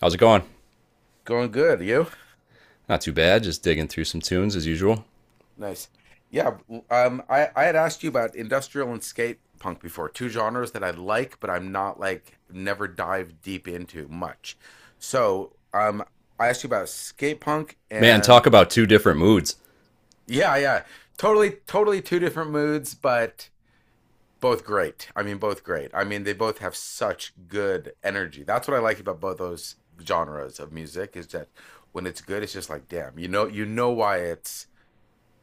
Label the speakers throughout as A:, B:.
A: How's it going?
B: Going good, you?
A: Not too bad, just digging through some tunes as usual.
B: Nice. Yeah, I had asked you about industrial and skate punk before, two genres that I like, but I'm not like never dive deep into much. So I asked you about skate punk
A: Man, talk
B: and
A: about two different moods.
B: yeah, yeah, totally two different moods, but both great. I mean, both great. I mean, they both have such good energy. That's what I like about both those genres of music is that when it's good, it's just like, damn, you know why it's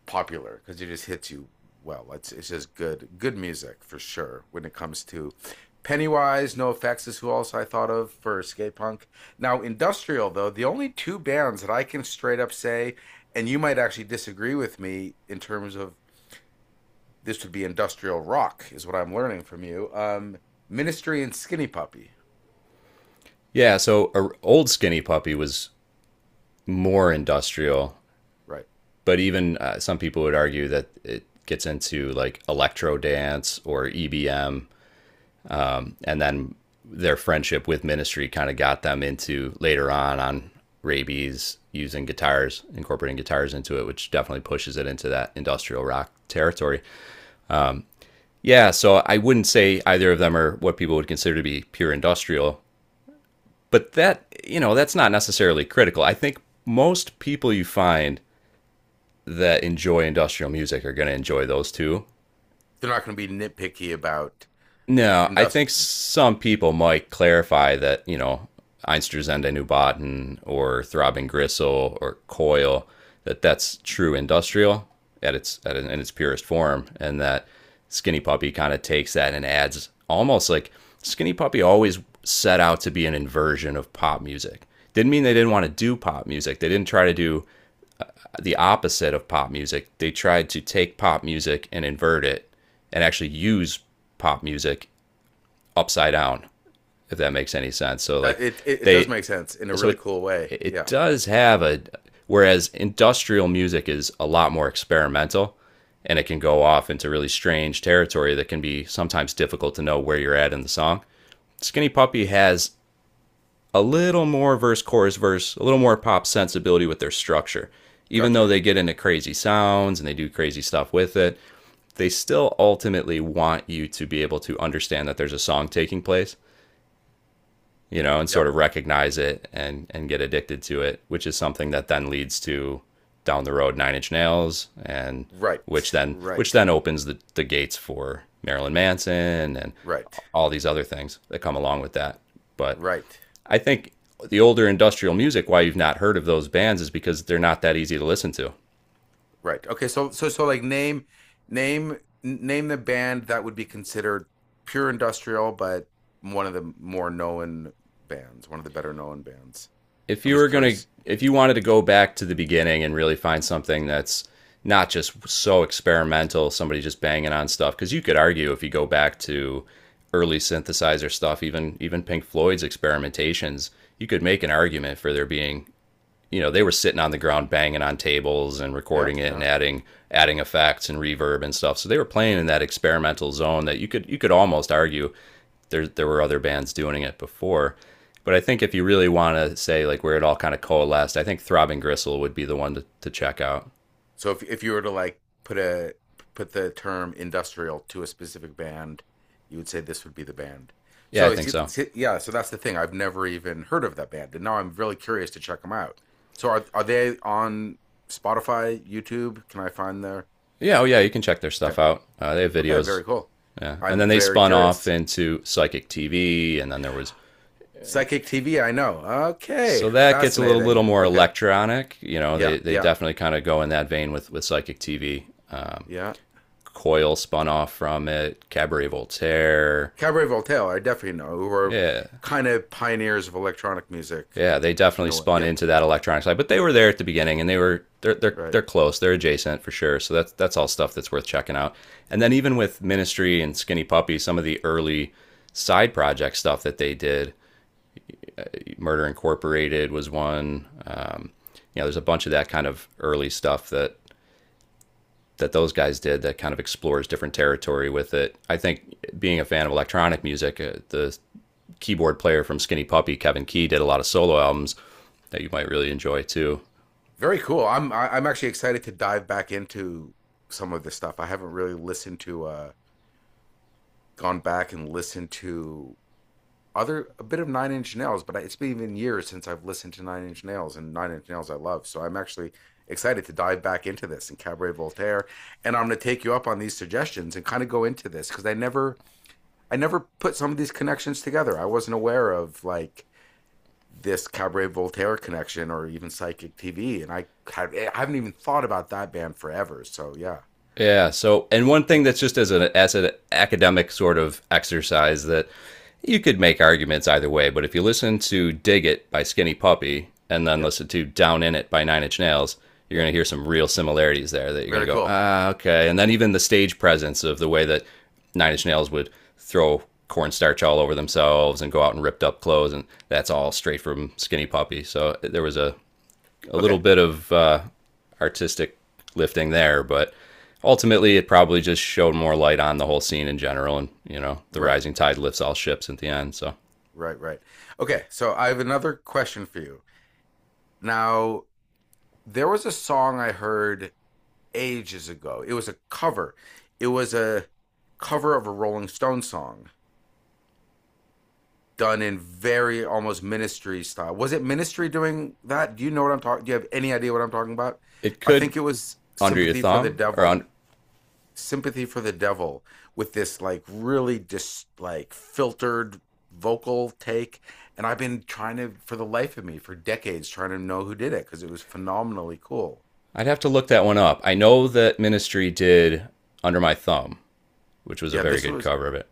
B: popular because it just hits you well. It's just good music for sure when it comes to Pennywise, No Effects is who else I thought of for skate punk. Now industrial though, the only two bands that I can straight up say, and you might actually disagree with me in terms of this would be industrial rock is what I'm learning from you. Ministry and Skinny Puppy,
A: Yeah, so a old Skinny Puppy was more industrial,
B: right?
A: but even some people would argue that it gets into like electro dance or EBM, and then their friendship with Ministry kind of got them into later on Rabies using guitars, incorporating guitars into it, which definitely pushes it into that industrial rock territory. Yeah, so I wouldn't say either of them are what people would consider to be pure industrial, but that, you know, that's not necessarily critical. I think most people you find that enjoy industrial music are going to enjoy those two.
B: They're not going to be nitpicky about
A: No, I think
B: industrial.
A: some people might clarify that, you know, Einstürzende Neubauten or Throbbing Gristle or Coil, that's true industrial at its at, in its purest form, and that Skinny Puppy kind of takes that and adds almost like Skinny Puppy always set out to be an inversion of pop music. Didn't mean they didn't want to do pop music. They didn't try to do the opposite of pop music. They tried to take pop music and invert it and actually use pop music upside down, if that makes any sense. So like
B: It does
A: they,
B: make sense in a
A: so
B: really
A: it
B: cool way.
A: it
B: Yeah,
A: does have a. Whereas industrial music is a lot more experimental, and it can go off into really strange territory that can be sometimes difficult to know where you're at in the song. Skinny Puppy has a little more verse, chorus, verse, a little more pop sensibility with their structure. Even though
B: gotcha.
A: they get into crazy sounds and they do crazy stuff with it, they still ultimately want you to be able to understand that there's a song taking place you know, and
B: Yeah,
A: sort of recognize it and get addicted to it, which is something that then leads to down the road Nine Inch Nails and which
B: right,
A: then which
B: right.
A: then opens the gates for Marilyn Manson and
B: Right.
A: all these other things that come along with that. But
B: Right.
A: I think the older industrial music, why you've not heard of those bands, is because they're not that easy to listen to.
B: Right. Okay, so like name name the band that would be considered pure industrial, but one of the more known bands, one of the better known bands.
A: If
B: I'm
A: you
B: just
A: were gonna
B: curious.
A: if you wanted to go back to the beginning and really find something that's not just so experimental, somebody just banging on stuff, because you could argue if you go back to early synthesizer stuff, even Pink Floyd's experimentations, you could make an argument for there being you know they were sitting on the ground banging on tables and
B: Yeah,
A: recording it and
B: yeah.
A: adding adding effects and reverb and stuff so they were playing in that experimental zone that you could almost argue there were other bands doing it before but I think if you really want to say like where it all kind of coalesced I think Throbbing Gristle would be the one to check out.
B: So if you were to like put the term industrial to a specific band, you would say this would be the band.
A: Yeah, I
B: So
A: think so.
B: yeah, so that's the thing. I've never even heard of that band, and now I'm really curious to check them out. So are they on Spotify, YouTube? Can I find their?
A: Yeah, oh yeah, you can check their
B: Okay,
A: stuff out, they have
B: okay,
A: videos.
B: very cool.
A: Yeah, and
B: I'm
A: then they
B: very
A: spun off
B: curious.
A: into Psychic TV and then there was
B: Psychic TV, I know.
A: so
B: Okay,
A: that gets a little,
B: fascinating.
A: little more
B: Okay,
A: electronic. You know,
B: yeah,
A: they
B: yeah,
A: definitely kind of go in that vein with Psychic TV. Um,
B: yeah.
A: Coil spun off from it, Cabaret Voltaire.
B: Cabaret Voltaire, I definitely know, who are
A: Yeah,
B: kind of pioneers of electronic music
A: yeah, they
B: in
A: definitely
B: a way.
A: spun
B: Yeah.
A: into that electronic side, but they were there at the beginning and they were they're they're
B: Right.
A: they're close, they're adjacent for sure. So that's all stuff that's worth checking out. And then even with Ministry and Skinny Puppy, some of the early side project stuff that they did, Murder Incorporated was one. You know, there's a bunch of that kind of early stuff that those guys did that kind of explores different territory with it. I think being a fan of electronic music, the keyboard player from Skinny Puppy, Kevin Key, did a lot of solo albums that you might really enjoy too.
B: Very cool. I am actually excited to dive back into some of this stuff. I haven't really listened to gone back and listened to other a bit of Nine Inch Nails, but it's been even years since I've listened to Nine Inch Nails and Nine Inch Nails I love. So I'm actually excited to dive back into this and Cabaret Voltaire and I'm going to take you up on these suggestions and kind of go into this cuz I never put some of these connections together. I wasn't aware of like this Cabaret Voltaire connection or even Psychic TV. And I haven't even thought about that band forever. So yeah,
A: Yeah. So, and one thing that's just as an academic sort of exercise that you could make arguments either way, but if you listen to "Dig It" by Skinny Puppy and then
B: yep,
A: listen to "Down in It" by Nine Inch Nails, you're
B: yep.
A: going to hear some real similarities there that you're going
B: Very
A: to go,
B: cool.
A: ah, okay. And then even the stage presence of the way that Nine Inch Nails would throw cornstarch all over themselves and go out in ripped up clothes, and that's all straight from Skinny Puppy. So there was a little
B: Okay,
A: bit of artistic lifting there, but ultimately it probably just showed more light on the whole scene in general. And you know, the
B: right,
A: rising tide lifts all ships at the end. So
B: right, right. Okay, so I have another question for you. Now, there was a song I heard ages ago. It was a cover. It was a cover of a Rolling Stone song done in very almost Ministry style. Was it Ministry doing that? Do you know what I'm talking? Do you have any idea what I'm talking about?
A: it
B: I
A: could
B: think it was
A: under your
B: Sympathy for the
A: thumb or on.
B: Devil. Sympathy for the Devil with this like really just like filtered vocal take, and I've been trying to for the life of me for decades trying to know who did it cuz it was phenomenally cool.
A: I'd have to look that one up. I know that Ministry did Under My Thumb, which was a
B: Yeah,
A: very
B: this
A: good
B: was,
A: cover of it.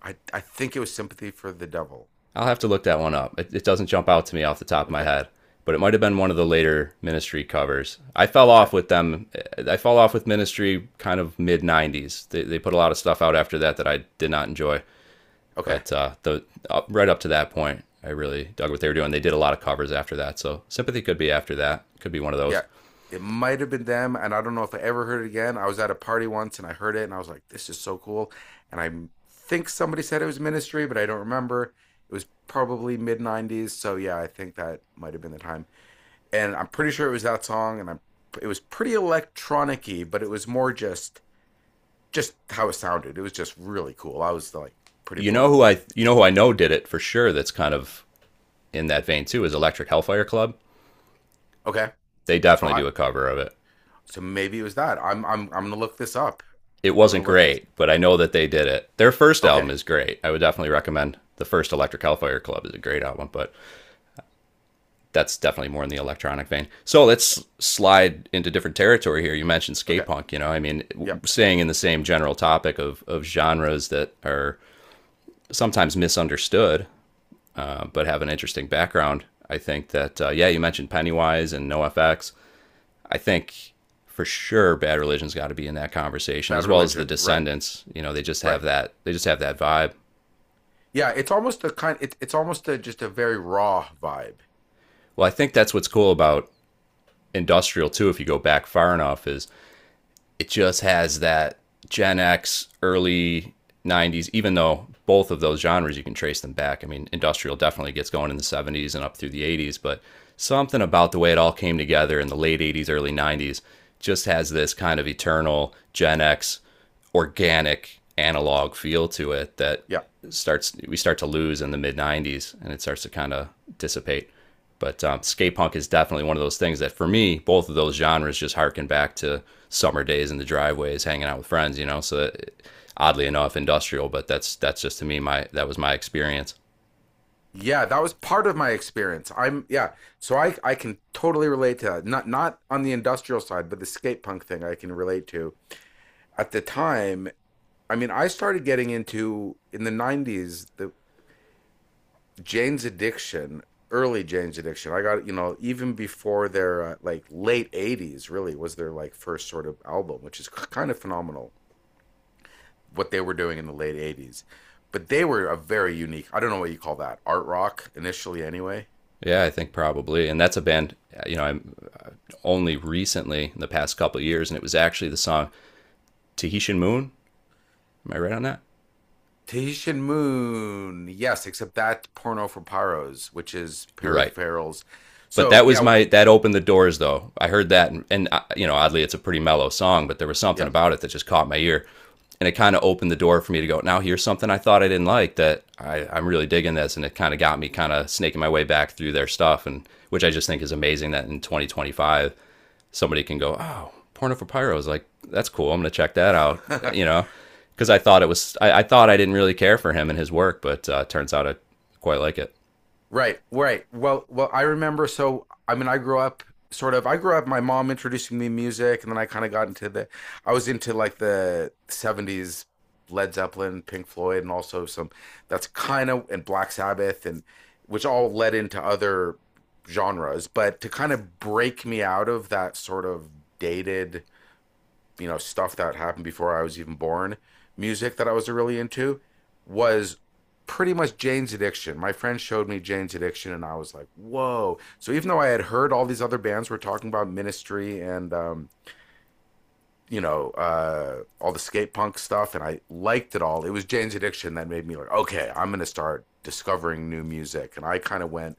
B: I think it was Sympathy for the Devil.
A: I'll have to look that one up. It doesn't jump
B: Yeah.
A: out to me off the top of my
B: Okay.
A: head, but it might have been one of the later Ministry covers. I fell
B: Okay.
A: off with them. I fell off with Ministry kind of mid '90s. They put a lot of stuff out after that that I did not enjoy,
B: Okay.
A: but the up, right up to that point, I really dug what they were doing. They did a lot of covers after that, so Sympathy could be after that. Could be one of
B: Yeah.
A: those.
B: It might have been them, and I don't know if I ever heard it again. I was at a party once and I heard it, and I was like, "This is so cool." And I think somebody said it was Ministry, but I don't remember. It was probably mid '90s, so yeah, I think that might have been the time. And I'm pretty sure it was that song, and I'm it was pretty electronic-y, but it was more just how it sounded. It was just really cool. I was like pretty
A: You know
B: blown
A: who
B: away.
A: I you know who I know did it for sure. That's kind of in that vein too is Electric Hellfire Club.
B: Okay,
A: They
B: so
A: definitely
B: I
A: do a cover of it.
B: so maybe it was that. I'm gonna look this up.
A: It
B: I'm gonna
A: wasn't
B: look this.
A: great, but I know that they did it. Their first
B: Okay,
A: album is great. I would definitely recommend the first Electric Hellfire Club is a great album, but that's definitely more in the electronic vein. So let's slide into different territory here. You mentioned skate
B: okay,
A: punk, you know, I mean,
B: yep.
A: staying in the same general topic of genres that are sometimes misunderstood, but have an interesting background. I think that, yeah, you mentioned Pennywise and NoFX. I think for sure Bad Religion's got to be in that conversation
B: Bad
A: as well as the
B: Religion, right?
A: Descendants. You know, they just have
B: Right.
A: that they just have that vibe.
B: Yeah, it's almost a kind. It's almost a just a very raw vibe.
A: Well, I think that's what's cool about Industrial too. If you go back far enough, is it just has that Gen X, early 90s, even though both of those genres you can trace them back. I mean, industrial definitely gets going in the 70s and up through the 80s, but something about the way it all came together in the late 80s, early 90s just has this kind of eternal Gen X organic analog feel to it that
B: Yeah,
A: starts we start to lose in the mid 90s and it starts to kind of dissipate. But skate punk is definitely one of those things that for me, both of those genres just harken back to summer days in the driveways, hanging out with friends, you know. So it, oddly enough, industrial, but that's just to me my that was my experience.
B: yeah, that was part of my experience. I'm Yeah, so I can totally relate to that. Not on the industrial side, but the skate punk thing I can relate to. At the time, I mean, I started getting into in the '90s the Jane's Addiction, early Jane's Addiction. I got even before their like late '80s really was their like first sort of album, which is kind of phenomenal. What they were doing in the late '80s. But they were a very unique, I don't know what you call that, art rock initially, anyway.
A: Yeah, I think probably, and that's a band you know I'm uh, only recently in the past couple of years, and it was actually the song Tahitian Moon. Am I right on that?
B: Tahitian Moon. Yes, except that's Porno for Pyros, which is
A: You're right.
B: peripherals.
A: But
B: So,
A: that was
B: yeah,
A: my that opened the doors though. I heard that and, and you know oddly it's a pretty mellow song, but there was something
B: yeah.
A: about it that just caught my ear, and it kind of opened the door for me to go. Now here's something I thought I didn't like that I'm really digging this, and it kind of got me kind of snaking my way back through their stuff, and which I just think is amazing that in 2025 somebody can go, oh, Porno for Pyros, like that's cool. I'm gonna check that out, you know, because I thought it was I thought I didn't really care for him and his work, but turns out I quite like it.
B: Right, right. Well, I remember. So, I mean, I grew up sort of. I grew up. My mom introducing me to music, and then I kind of got into the. I was into like the '70s Led Zeppelin, Pink Floyd, and also some. That's kind of and Black Sabbath, and which all led into other genres. But to kind of break me out of that sort of dated, stuff that happened before I was even born, music that I was really into was pretty much Jane's Addiction. My friend showed me Jane's Addiction, and I was like, whoa. So even though I had heard all these other bands were talking about Ministry and, all the skate punk stuff, and I liked it all, it was Jane's Addiction that made me like, okay, I'm going to start discovering new music. And I kind of went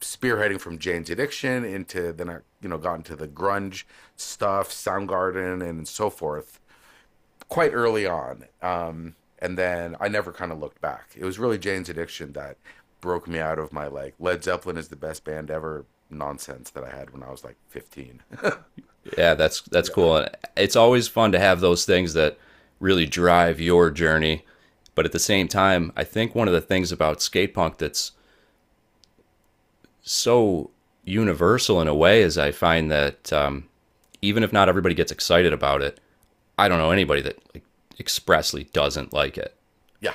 B: spearheading from Jane's Addiction into then I, got into the grunge stuff, Soundgarden, and so forth quite early on. And then I never kind of looked back. It was really Jane's Addiction that broke me out of my like Led Zeppelin is the best band ever nonsense that I had when I was like 15.
A: Yeah, that's
B: Yeah.
A: cool. And it's always fun to have those things that really drive your journey. But at the same time, I think one of the things about skate punk that's so universal in a way is I find that even if not everybody gets excited about it, I don't know anybody that like, expressly doesn't like it.
B: Yeah.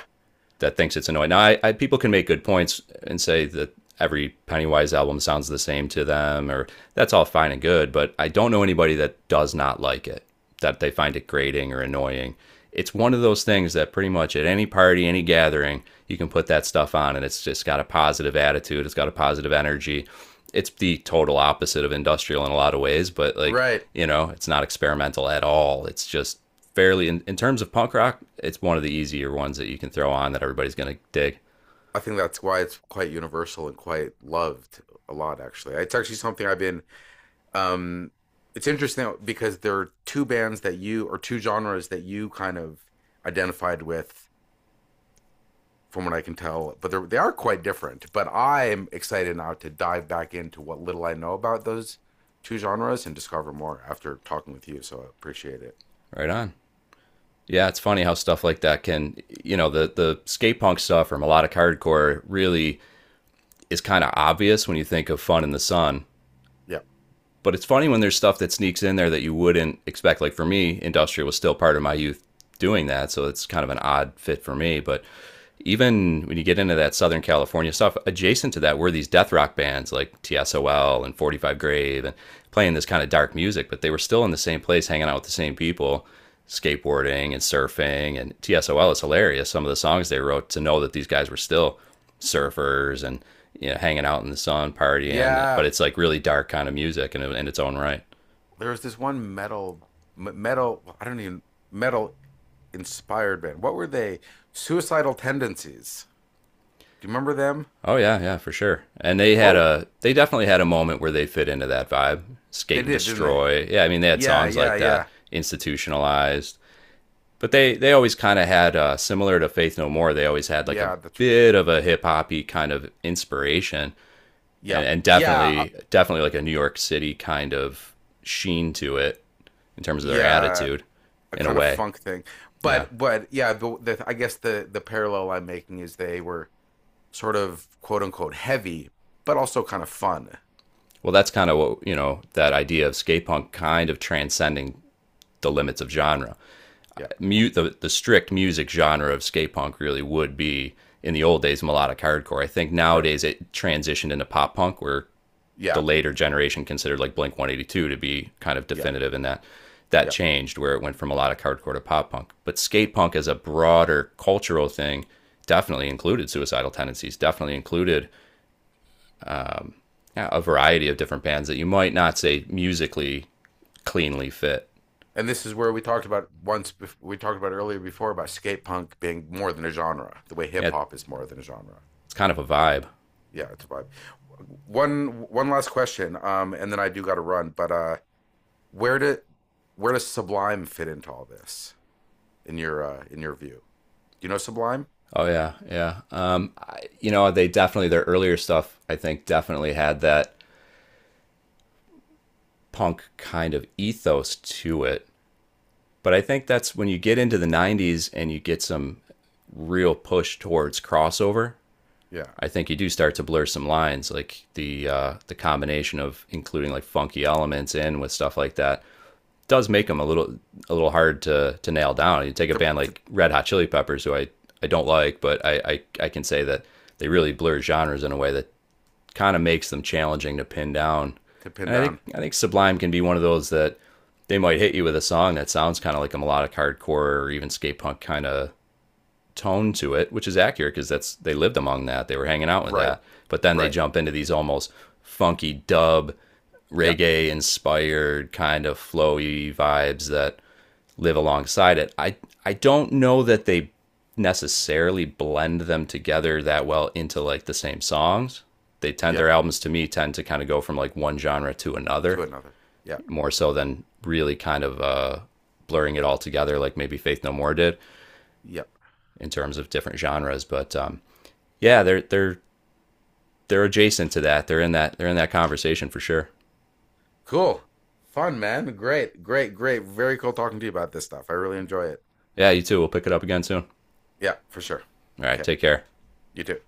A: That thinks it's annoying. Now, people can make good points and say that every Pennywise album sounds the same to them, or that's all fine and good. But I don't know anybody that does not like it, that they find it grating or annoying. It's one of those things that pretty much at any party, any gathering, you can put that stuff on, and it's just got a positive attitude. It's got a positive energy. It's the total opposite of industrial in a lot of ways, but like
B: Right.
A: it's not experimental at all. It's just fairly in terms of punk rock, it's one of the easier ones that you can throw on that everybody's going to dig.
B: I think that's why it's quite universal and quite loved a lot actually. It's actually something I've been, um it's interesting because there are two bands that you or two genres that you kind of identified with from what I can tell, but they're quite different. But I'm excited now to dive back into what little I know about those two genres and discover more after talking with you. So I appreciate it.
A: Right on. Yeah, it's funny how stuff like that can, the skate punk stuff or melodic hardcore, really is kind of obvious when you think of fun in the sun.
B: Yeah.
A: But it's funny when there's stuff that sneaks in there that you wouldn't expect. Like for me, industrial was still part of my youth doing that, so it's kind of an odd fit for me. But even when you get into that Southern California stuff, adjacent to that were these death rock bands like TSOL and 45 Grave and playing this kind of dark music, but they were still in the same place hanging out with the same people, skateboarding and surfing. And TSOL is hilarious. Some of the songs they wrote, to know that these guys were still surfers and hanging out in the sun, partying, but
B: Yeah.
A: it's like really dark kind of music in its own right.
B: There was this one metal, I don't even, metal inspired band. What were they? Suicidal Tendencies. Do you remember them?
A: Oh yeah, yeah, for sure. And
B: Whoa.
A: they definitely had a moment where they fit into that vibe.
B: They
A: Skate and
B: did, didn't they?
A: Destroy. Yeah, I mean they had
B: Yeah.
A: songs
B: Yeah.
A: like that,
B: Yeah.
A: institutionalized. But they always kind of had, similar to Faith No More, they always had like a
B: Yeah. That's,
A: bit of a hip hoppy kind of inspiration, and
B: yeah.
A: and
B: Yeah.
A: definitely like a New York City kind of sheen to it in terms of their
B: Yeah.
A: attitude,
B: A
A: in a
B: kind of
A: way.
B: funk thing.
A: Yeah.
B: But yeah, I guess the parallel I'm making is they were sort of quote unquote heavy, but also kind of fun.
A: Well, that's kind of what, that idea of skate punk kind of transcending the limits of genre.
B: Yeah,
A: Mute the strict music genre of skate punk really would be, in the old days, melodic hardcore. I think
B: right.
A: nowadays it transitioned into pop punk, where the
B: Yeah,
A: later generation considered like Blink 182 to be kind of
B: yeah,
A: definitive in that,
B: yeah.
A: changed where it went from melodic hardcore to pop punk. But skate punk as a broader cultural thing definitely included suicidal tendencies, definitely included, yeah, a variety of different bands that you might not say musically cleanly fit.
B: And this is where we talked about once, we talked about earlier before about skate punk being more than a genre, the way hip
A: Yeah,
B: hop is more than a genre.
A: it's kind of a vibe.
B: Yeah, it's a vibe. One last question, and then I do got to run. But where do where does Sublime fit into all this in your, in your view? Do you know Sublime?
A: Oh yeah, yeah. I, they definitely, their earlier stuff, I think definitely had that punk kind of ethos to it. But I think that's when you get into the '90s and you get some real push towards crossover.
B: Yeah.
A: I think you do start to blur some lines, like the combination of including like funky elements in with stuff like that, does make them a little, a little hard to nail down. You take a
B: to,
A: band
B: to,
A: like Red Hot Chili Peppers, who I don't like, but I can say that they really blur genres in a way that kind of makes them challenging to pin down.
B: to pin
A: And I think
B: down.
A: I think Sublime can be one of those that they might hit you with a song that sounds kind of like a melodic hardcore or even skate punk kind of tone to it, which is accurate because that's, they lived among that, they were hanging out with
B: Right.
A: that. But then they
B: Right.
A: jump into these almost funky dub,
B: Yeah.
A: reggae inspired kind of flowy vibes that live alongside it. I don't know that they necessarily blend them together that well into like the same songs. They tend,
B: Yeah.
A: their albums to me tend to kind of go from like one genre to
B: To
A: another,
B: another. Yeah.
A: more so than really kind of, blurring it all together like maybe Faith No More did
B: Yeah.
A: in terms of different genres. But yeah, they're adjacent to that. They're in that, they're in that conversation for sure.
B: Cool. Fun, man. Great. Great. Great. Very cool talking to you about this stuff. I really enjoy it.
A: Yeah, you too. We'll pick it up again soon.
B: Yeah, for sure.
A: All right,
B: Okay.
A: take care.
B: You too.